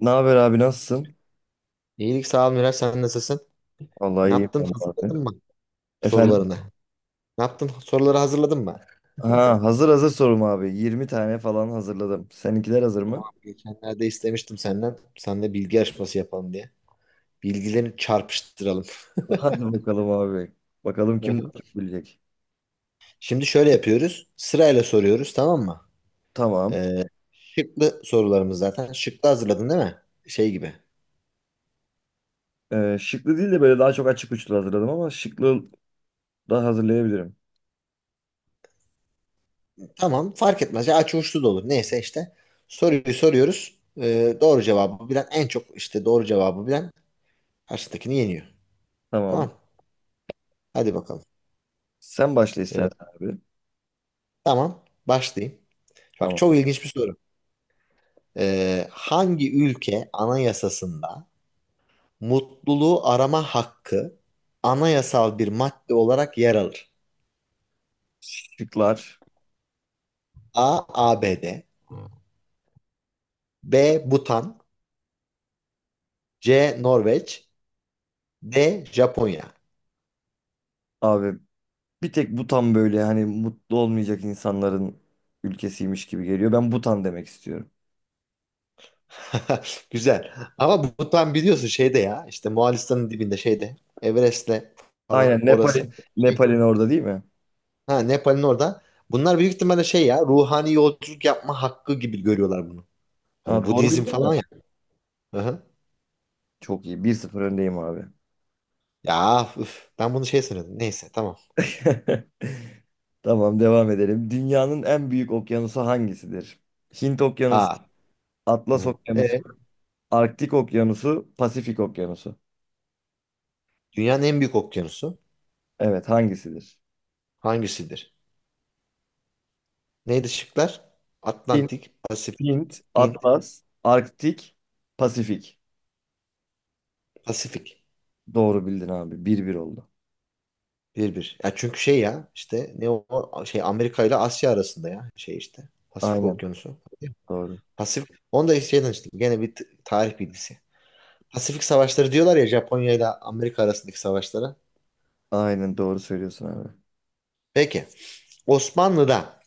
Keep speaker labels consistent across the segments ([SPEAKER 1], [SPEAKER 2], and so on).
[SPEAKER 1] Ne haber abi, nasılsın?
[SPEAKER 2] İyilik sağ ol Miraç sen nasılsın?
[SPEAKER 1] Vallahi
[SPEAKER 2] Ne
[SPEAKER 1] iyiyim
[SPEAKER 2] yaptın
[SPEAKER 1] ben de abi.
[SPEAKER 2] hazırladın mı
[SPEAKER 1] Efendim?
[SPEAKER 2] sorularını? Ne yaptın soruları hazırladın mı?
[SPEAKER 1] Ha, hazır sorum abi. 20 tane falan hazırladım. Seninkiler hazır mı?
[SPEAKER 2] Tamam geçenlerde istemiştim senden. Sen de bilgi yarışması yapalım diye. Bilgilerini çarpıştıralım.
[SPEAKER 1] Hadi bakalım abi. Bakalım
[SPEAKER 2] Hı
[SPEAKER 1] kim
[SPEAKER 2] hı.
[SPEAKER 1] daha çok bilecek.
[SPEAKER 2] Şimdi şöyle yapıyoruz. Sırayla soruyoruz tamam mı?
[SPEAKER 1] Tamam.
[SPEAKER 2] Ee, şıklı sorularımız zaten. Şıklı hazırladın değil mi? Şey gibi.
[SPEAKER 1] Şıklı değil de böyle daha çok açık uçlu hazırladım ama şıklı da hazırlayabilirim.
[SPEAKER 2] Tamam fark etmez. Ya açı uçlu da olur. Neyse işte. Soruyu soruyoruz. Doğru cevabı bilen en çok işte doğru cevabı bilen karşıdakini yeniyor.
[SPEAKER 1] Tamam.
[SPEAKER 2] Tamam. Hadi bakalım.
[SPEAKER 1] Sen başla
[SPEAKER 2] Ee,
[SPEAKER 1] istersen abi.
[SPEAKER 2] Tamam, başlayayım. Bak
[SPEAKER 1] Tamam.
[SPEAKER 2] çok ilginç bir soru. Hangi ülke anayasasında mutluluğu arama hakkı anayasal bir madde olarak yer alır?
[SPEAKER 1] Şıklar.
[SPEAKER 2] A. ABD B. Butan C. Norveç D. Japonya
[SPEAKER 1] Abi, bir tek Butan böyle hani mutlu olmayacak insanların ülkesiymiş gibi geliyor. Ben Butan demek istiyorum.
[SPEAKER 2] Güzel. Ama Butan biliyorsun şeyde ya işte Moğolistan'ın dibinde şeyde Everest'le falan
[SPEAKER 1] Aynen,
[SPEAKER 2] orası.
[SPEAKER 1] Nepal'in
[SPEAKER 2] Şey,
[SPEAKER 1] Nepal'in orada değil mi?
[SPEAKER 2] ha, Nepal'in orada. Bunlar büyük ihtimalle şey ya ruhani yolculuk yapma hakkı gibi görüyorlar bunu.
[SPEAKER 1] Ha,
[SPEAKER 2] Hani
[SPEAKER 1] doğru
[SPEAKER 2] Budizm
[SPEAKER 1] bildim mi?
[SPEAKER 2] falan ya. Aha.
[SPEAKER 1] Çok iyi. 1-0 öndeyim abi.
[SPEAKER 2] Ya üf, ben bunu şey sanıyordum. Neyse tamam.
[SPEAKER 1] Tamam, devam edelim. Dünyanın en büyük okyanusu hangisidir? Hint Okyanusu,
[SPEAKER 2] Aa.
[SPEAKER 1] Atlas
[SPEAKER 2] Hı.
[SPEAKER 1] Okyanusu,
[SPEAKER 2] Evet.
[SPEAKER 1] Arktik Okyanusu, Pasifik Okyanusu.
[SPEAKER 2] Dünyanın en büyük okyanusu
[SPEAKER 1] Evet, hangisidir?
[SPEAKER 2] hangisidir? Neydi şıklar?
[SPEAKER 1] Hint,
[SPEAKER 2] Atlantik, Pasifik,
[SPEAKER 1] Hint,
[SPEAKER 2] Hint,
[SPEAKER 1] Atlas, Arktik, Pasifik.
[SPEAKER 2] Pasifik.
[SPEAKER 1] Doğru bildin abi. 1-1 oldu.
[SPEAKER 2] Bir bir. Ya çünkü şey ya işte ne o şey Amerika ile Asya arasında ya şey işte Pasifik
[SPEAKER 1] Aynen
[SPEAKER 2] Okyanusu.
[SPEAKER 1] doğru.
[SPEAKER 2] Pasifik. Onu da şeyden işte gene bir tarih bilgisi. Pasifik Savaşları diyorlar ya Japonya ile Amerika arasındaki savaşlara.
[SPEAKER 1] Aynen doğru söylüyorsun abi.
[SPEAKER 2] Peki. Osmanlı'da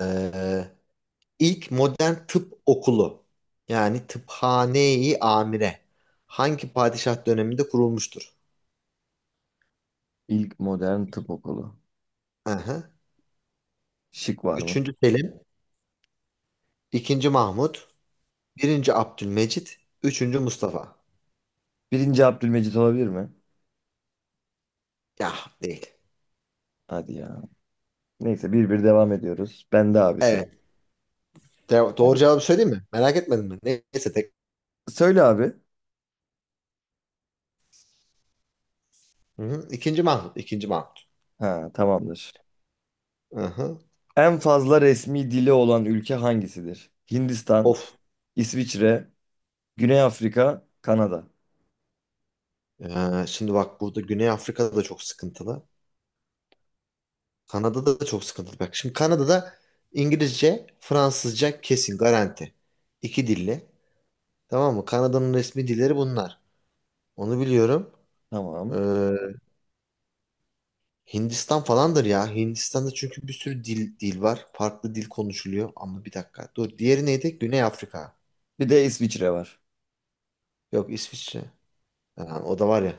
[SPEAKER 2] eee, İlk modern tıp okulu yani tıphane-i amire hangi padişah döneminde kurulmuştur?
[SPEAKER 1] İlk modern tıp okulu.
[SPEAKER 2] Aha.
[SPEAKER 1] Şık var mı?
[SPEAKER 2] Üçüncü Selim, ikinci Mahmut, birinci Abdülmecit, üçüncü Mustafa.
[SPEAKER 1] Birinci Abdülmecit olabilir mi?
[SPEAKER 2] Ya değil.
[SPEAKER 1] Hadi ya. Neyse, 1-1 devam ediyoruz. Ben de abi sıra.
[SPEAKER 2] Evet. Doğru cevabı söyleyeyim mi? Merak etmedin mi? Neyse tek.
[SPEAKER 1] Söyle abi.
[SPEAKER 2] Hı hı. İkinci Mahmut, ikinci Mahmut.
[SPEAKER 1] Ha, tamamdır.
[SPEAKER 2] Aha.
[SPEAKER 1] En fazla resmi dili olan ülke hangisidir? Hindistan,
[SPEAKER 2] Of.
[SPEAKER 1] İsviçre, Güney Afrika, Kanada.
[SPEAKER 2] Şimdi bak burada Güney Afrika'da da çok sıkıntılı. Kanada'da da çok sıkıntılı. Bak şimdi Kanada'da İngilizce, Fransızca kesin garanti. İki dilli. Tamam mı? Kanada'nın resmi dilleri bunlar. Onu biliyorum. Ee,
[SPEAKER 1] Tamam.
[SPEAKER 2] Hindistan falandır ya. Hindistan'da çünkü bir sürü dil var. Farklı dil konuşuluyor. Ama bir dakika. Dur. Diğeri neydi? Güney Afrika.
[SPEAKER 1] Bir de İsviçre var.
[SPEAKER 2] Yok İsviçre. Ha, o da var ya.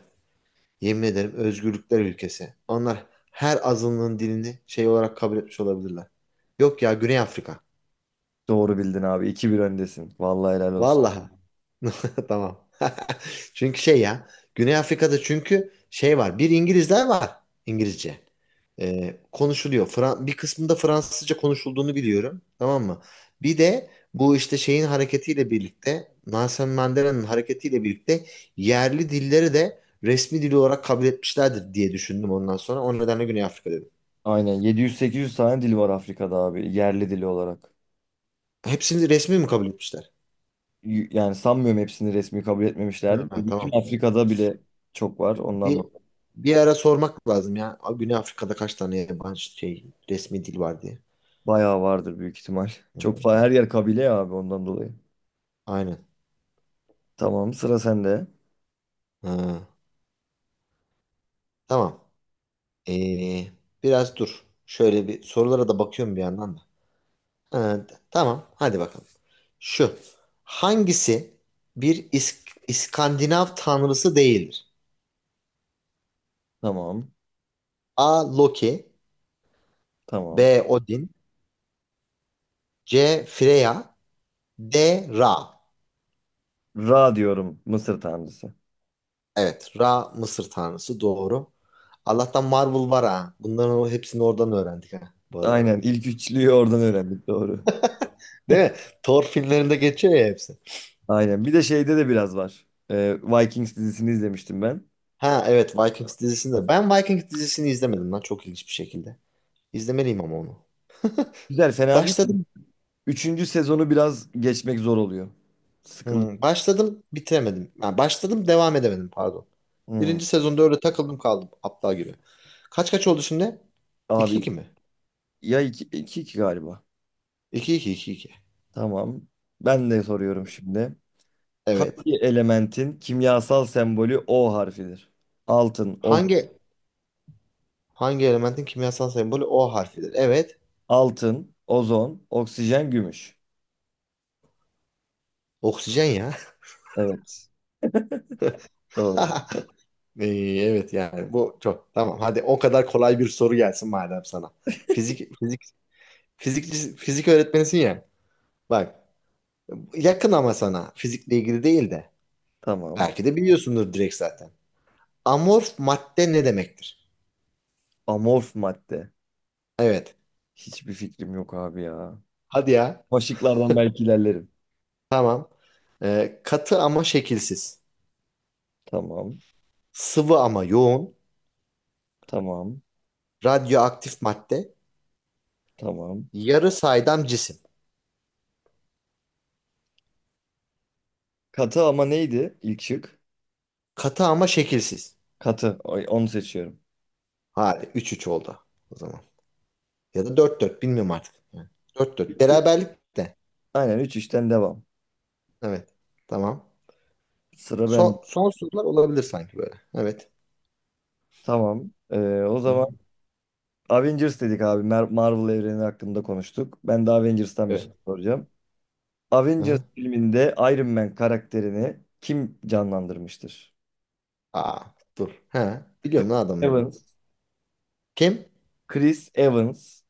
[SPEAKER 2] Yemin ederim özgürlükler ülkesi. Onlar her azınlığın dilini şey olarak kabul etmiş olabilirler. Yok ya Güney Afrika.
[SPEAKER 1] Doğru bildin abi. 2-1 öndesin. Vallahi helal olsun.
[SPEAKER 2] Vallahi. Tamam. Çünkü şey ya Güney Afrika'da çünkü şey var. Bir İngilizler var. İngilizce. Konuşuluyor. Bir kısmında Fransızca konuşulduğunu biliyorum. Tamam mı? Bir de bu işte şeyin hareketiyle birlikte Nelson Mandela'nın hareketiyle birlikte yerli dilleri de resmi dil olarak kabul etmişlerdir diye düşündüm ondan sonra. O nedenle Güney Afrika dedim.
[SPEAKER 1] Aynen, 700-800 tane dil var Afrika'da abi. Yerli dili olarak.
[SPEAKER 2] Hepsini resmi mi kabul etmişler?
[SPEAKER 1] Yani sanmıyorum hepsini resmi kabul
[SPEAKER 2] Ha.
[SPEAKER 1] etmemişlerdir.
[SPEAKER 2] Ha,
[SPEAKER 1] Bütün
[SPEAKER 2] tamam.
[SPEAKER 1] Afrika'da bile çok var. Ondan
[SPEAKER 2] Bir,
[SPEAKER 1] dolayı.
[SPEAKER 2] bir ara sormak lazım ya. Güney Afrika'da kaç tane yabancı şey resmi dil var diye.
[SPEAKER 1] Bayağı vardır büyük ihtimal.
[SPEAKER 2] Hı
[SPEAKER 1] Çok
[SPEAKER 2] hı.
[SPEAKER 1] her yer kabile ya abi, ondan dolayı.
[SPEAKER 2] Aynen.
[SPEAKER 1] Tamam, sıra sende.
[SPEAKER 2] Ha, tamam. Ee, biraz dur. Şöyle bir sorulara da bakıyorum bir yandan da. Ha, tamam. Hadi bakalım. Şu. Hangisi bir İskandinav tanrısı değildir?
[SPEAKER 1] Tamam.
[SPEAKER 2] A. Loki
[SPEAKER 1] Tamam.
[SPEAKER 2] B. Odin C. Freya D. Ra.
[SPEAKER 1] Ra diyorum, Mısır tanrısı.
[SPEAKER 2] Evet. Ra Mısır tanrısı. Doğru. Allah'tan Marvel var ha. Bunların hepsini oradan öğrendik ha. Bu arada.
[SPEAKER 1] Aynen, ilk üçlüyü oradan öğrendik, doğru.
[SPEAKER 2] Değil mi? Thor filmlerinde geçiyor ya hepsi.
[SPEAKER 1] Aynen, bir de şeyde de biraz var. Vikings dizisini izlemiştim ben.
[SPEAKER 2] Ha evet Vikings dizisinde. Ben Vikings dizisini izlemedim lan çok ilginç bir şekilde. İzlemeliyim ama onu.
[SPEAKER 1] Güzel, fena değil mi?
[SPEAKER 2] Başladım.
[SPEAKER 1] Üçüncü sezonu biraz geçmek zor oluyor. Sıkılıyor.
[SPEAKER 2] Başladım bitiremedim. Ha, başladım devam edemedim pardon.
[SPEAKER 1] Hmm.
[SPEAKER 2] Birinci sezonda öyle takıldım kaldım aptal gibi. Kaç kaç oldu şimdi?
[SPEAKER 1] Abi
[SPEAKER 2] 2 iki mi?
[SPEAKER 1] ya, iki, iki, iki galiba.
[SPEAKER 2] 2 iki iki iki.
[SPEAKER 1] Tamam. Ben de soruyorum şimdi.
[SPEAKER 2] Evet.
[SPEAKER 1] Hangi elementin kimyasal sembolü O harfidir? Altın, ozon,
[SPEAKER 2] Hangi hangi elementin kimyasal sembolü O harfidir? Evet.
[SPEAKER 1] altın, ozon, oksijen, gümüş.
[SPEAKER 2] Oksijen ya.
[SPEAKER 1] Evet. Doğru.
[SPEAKER 2] Ee, evet yani bu çok tamam. Hadi o kadar kolay bir soru gelsin madem sana. Fizik fizik fizik öğretmenisin ya. Bak yakın ama sana fizikle ilgili değil de
[SPEAKER 1] Tamam.
[SPEAKER 2] belki de biliyorsundur direkt zaten. Amorf madde ne demektir?
[SPEAKER 1] Amorf madde.
[SPEAKER 2] Evet.
[SPEAKER 1] Hiçbir fikrim yok abi ya.
[SPEAKER 2] Hadi ya.
[SPEAKER 1] Başlıklardan belki ilerlerim.
[SPEAKER 2] Tamam. Katı ama şekilsiz.
[SPEAKER 1] Tamam.
[SPEAKER 2] Sıvı ama yoğun.
[SPEAKER 1] Tamam.
[SPEAKER 2] Radyoaktif madde.
[SPEAKER 1] Tamam.
[SPEAKER 2] Yarı saydam cisim.
[SPEAKER 1] Katı ama neydi ilk şık?
[SPEAKER 2] Katı ama şekilsiz.
[SPEAKER 1] Katı. Ay, onu seçiyorum.
[SPEAKER 2] Hadi 3-3 oldu o zaman. Ya da 4-4 bilmiyorum artık. Yani 4-4.
[SPEAKER 1] Üç,
[SPEAKER 2] Beraberlik de.
[SPEAKER 1] aynen 3 işten devam.
[SPEAKER 2] Evet. Tamam.
[SPEAKER 1] Sıra ben.
[SPEAKER 2] Son sorular olabilir sanki böyle. Evet.
[SPEAKER 1] Tamam. O
[SPEAKER 2] Hı hı.
[SPEAKER 1] zaman Avengers dedik abi. Marvel evreni hakkında konuştuk. Ben de Avengers'tan bir soru
[SPEAKER 2] Evet.
[SPEAKER 1] soracağım.
[SPEAKER 2] Hı
[SPEAKER 1] Avengers
[SPEAKER 2] hı.
[SPEAKER 1] filminde Iron Man karakterini kim canlandırmıştır?
[SPEAKER 2] Aa dur. He.
[SPEAKER 1] Chris
[SPEAKER 2] Biliyorum ne adamın adı.
[SPEAKER 1] Evans.
[SPEAKER 2] Kim?
[SPEAKER 1] Chris Evans.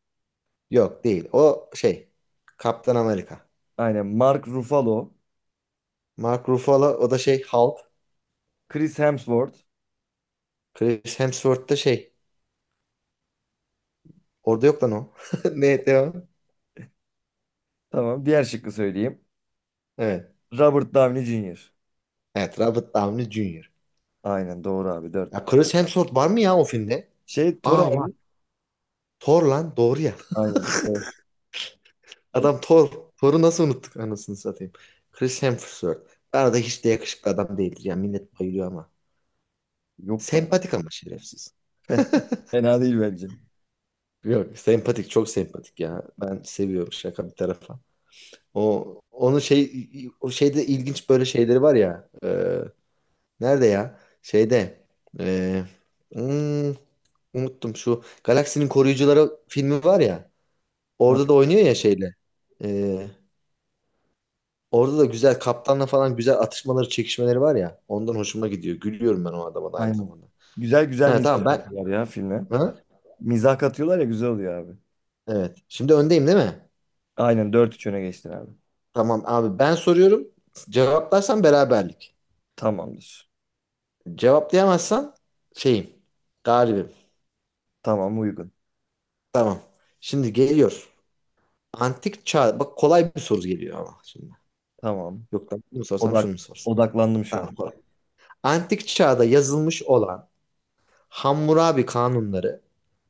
[SPEAKER 2] Yok değil. O şey. Kaptan Amerika.
[SPEAKER 1] Aynen. Mark Ruffalo.
[SPEAKER 2] Mark Ruffalo o da şey Hulk.
[SPEAKER 1] Chris Hemsworth.
[SPEAKER 2] Chris Hemsworth da şey. Orada yok lan o. Ne devam?
[SPEAKER 1] Tamam. Diğer şıkkı söyleyeyim.
[SPEAKER 2] Evet.
[SPEAKER 1] Robert Downey Jr.
[SPEAKER 2] Evet Robert Downey Jr.
[SPEAKER 1] Aynen doğru abi. Dört.
[SPEAKER 2] Ya Chris Hemsworth var mı ya o filmde?
[SPEAKER 1] Şey, Thor
[SPEAKER 2] Aa var.
[SPEAKER 1] abi.
[SPEAKER 2] Thor lan doğru ya.
[SPEAKER 1] Aynen, Thor.
[SPEAKER 2] Adam Thor. Thor'u nasıl unuttuk anasını satayım. Chris Hemsworth. Bana da hiç de yakışıklı adam değildir ya. Millet bayılıyor ama.
[SPEAKER 1] Yok be abi.
[SPEAKER 2] Sempatik ama şerefsiz.
[SPEAKER 1] Fena değil bence.
[SPEAKER 2] Yok sempatik çok sempatik ya. Ben seviyorum şaka bir tarafa. O onun şey o şeyde ilginç böyle şeyleri var ya. Nerede ya? Şeyde. e, hmm, unuttum şu Galaksinin Koruyucuları filmi var ya.
[SPEAKER 1] Ha,
[SPEAKER 2] Orada da oynuyor ya şeyle. E, orada da güzel kaptanla falan güzel atışmaları, çekişmeleri var ya. Ondan hoşuma gidiyor. Gülüyorum ben o adama da aynı
[SPEAKER 1] aynen.
[SPEAKER 2] zamanda.
[SPEAKER 1] Güzel güzel
[SPEAKER 2] Ha
[SPEAKER 1] mizah
[SPEAKER 2] tamam ben
[SPEAKER 1] katıyorlar ya filme.
[SPEAKER 2] ha?
[SPEAKER 1] Mizah katıyorlar ya, güzel oluyor abi.
[SPEAKER 2] Evet. Şimdi öndeyim değil mi?
[SPEAKER 1] Aynen, dört 3 öne geçtin abi.
[SPEAKER 2] Tamam abi ben soruyorum. Cevaplarsan beraberlik.
[SPEAKER 1] Tamamdır.
[SPEAKER 2] Cevaplayamazsan şeyim, galibim.
[SPEAKER 1] Tamam, uygun.
[SPEAKER 2] Tamam. Şimdi geliyor. Antik çağ. Bak kolay bir soru geliyor ama şimdi.
[SPEAKER 1] Tamam.
[SPEAKER 2] Yok lan bunu mu sorsam şunu
[SPEAKER 1] Odak,
[SPEAKER 2] mu sorsam?
[SPEAKER 1] Odaklandım şu an.
[SPEAKER 2] Tamam kolay. Antik çağda yazılmış olan Hammurabi kanunları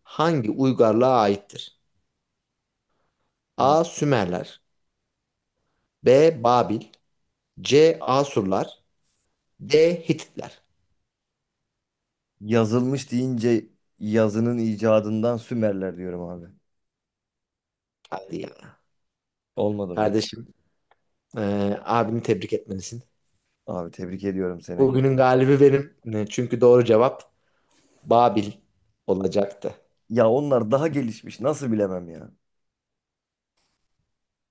[SPEAKER 2] hangi uygarlığa aittir?
[SPEAKER 1] Hı.
[SPEAKER 2] A. Sümerler B. Babil C. Asurlar D. Hititler.
[SPEAKER 1] Yazılmış deyince, yazının icadından, Sümerler diyorum abi.
[SPEAKER 2] Hadi ya.
[SPEAKER 1] Olmadı mı?
[SPEAKER 2] Kardeşim, abini tebrik etmelisin.
[SPEAKER 1] Abi, tebrik ediyorum seni.
[SPEAKER 2] Bugünün galibi benim. Çünkü doğru cevap Babil olacaktı.
[SPEAKER 1] Ya onlar daha gelişmiş. Nasıl bilemem ya?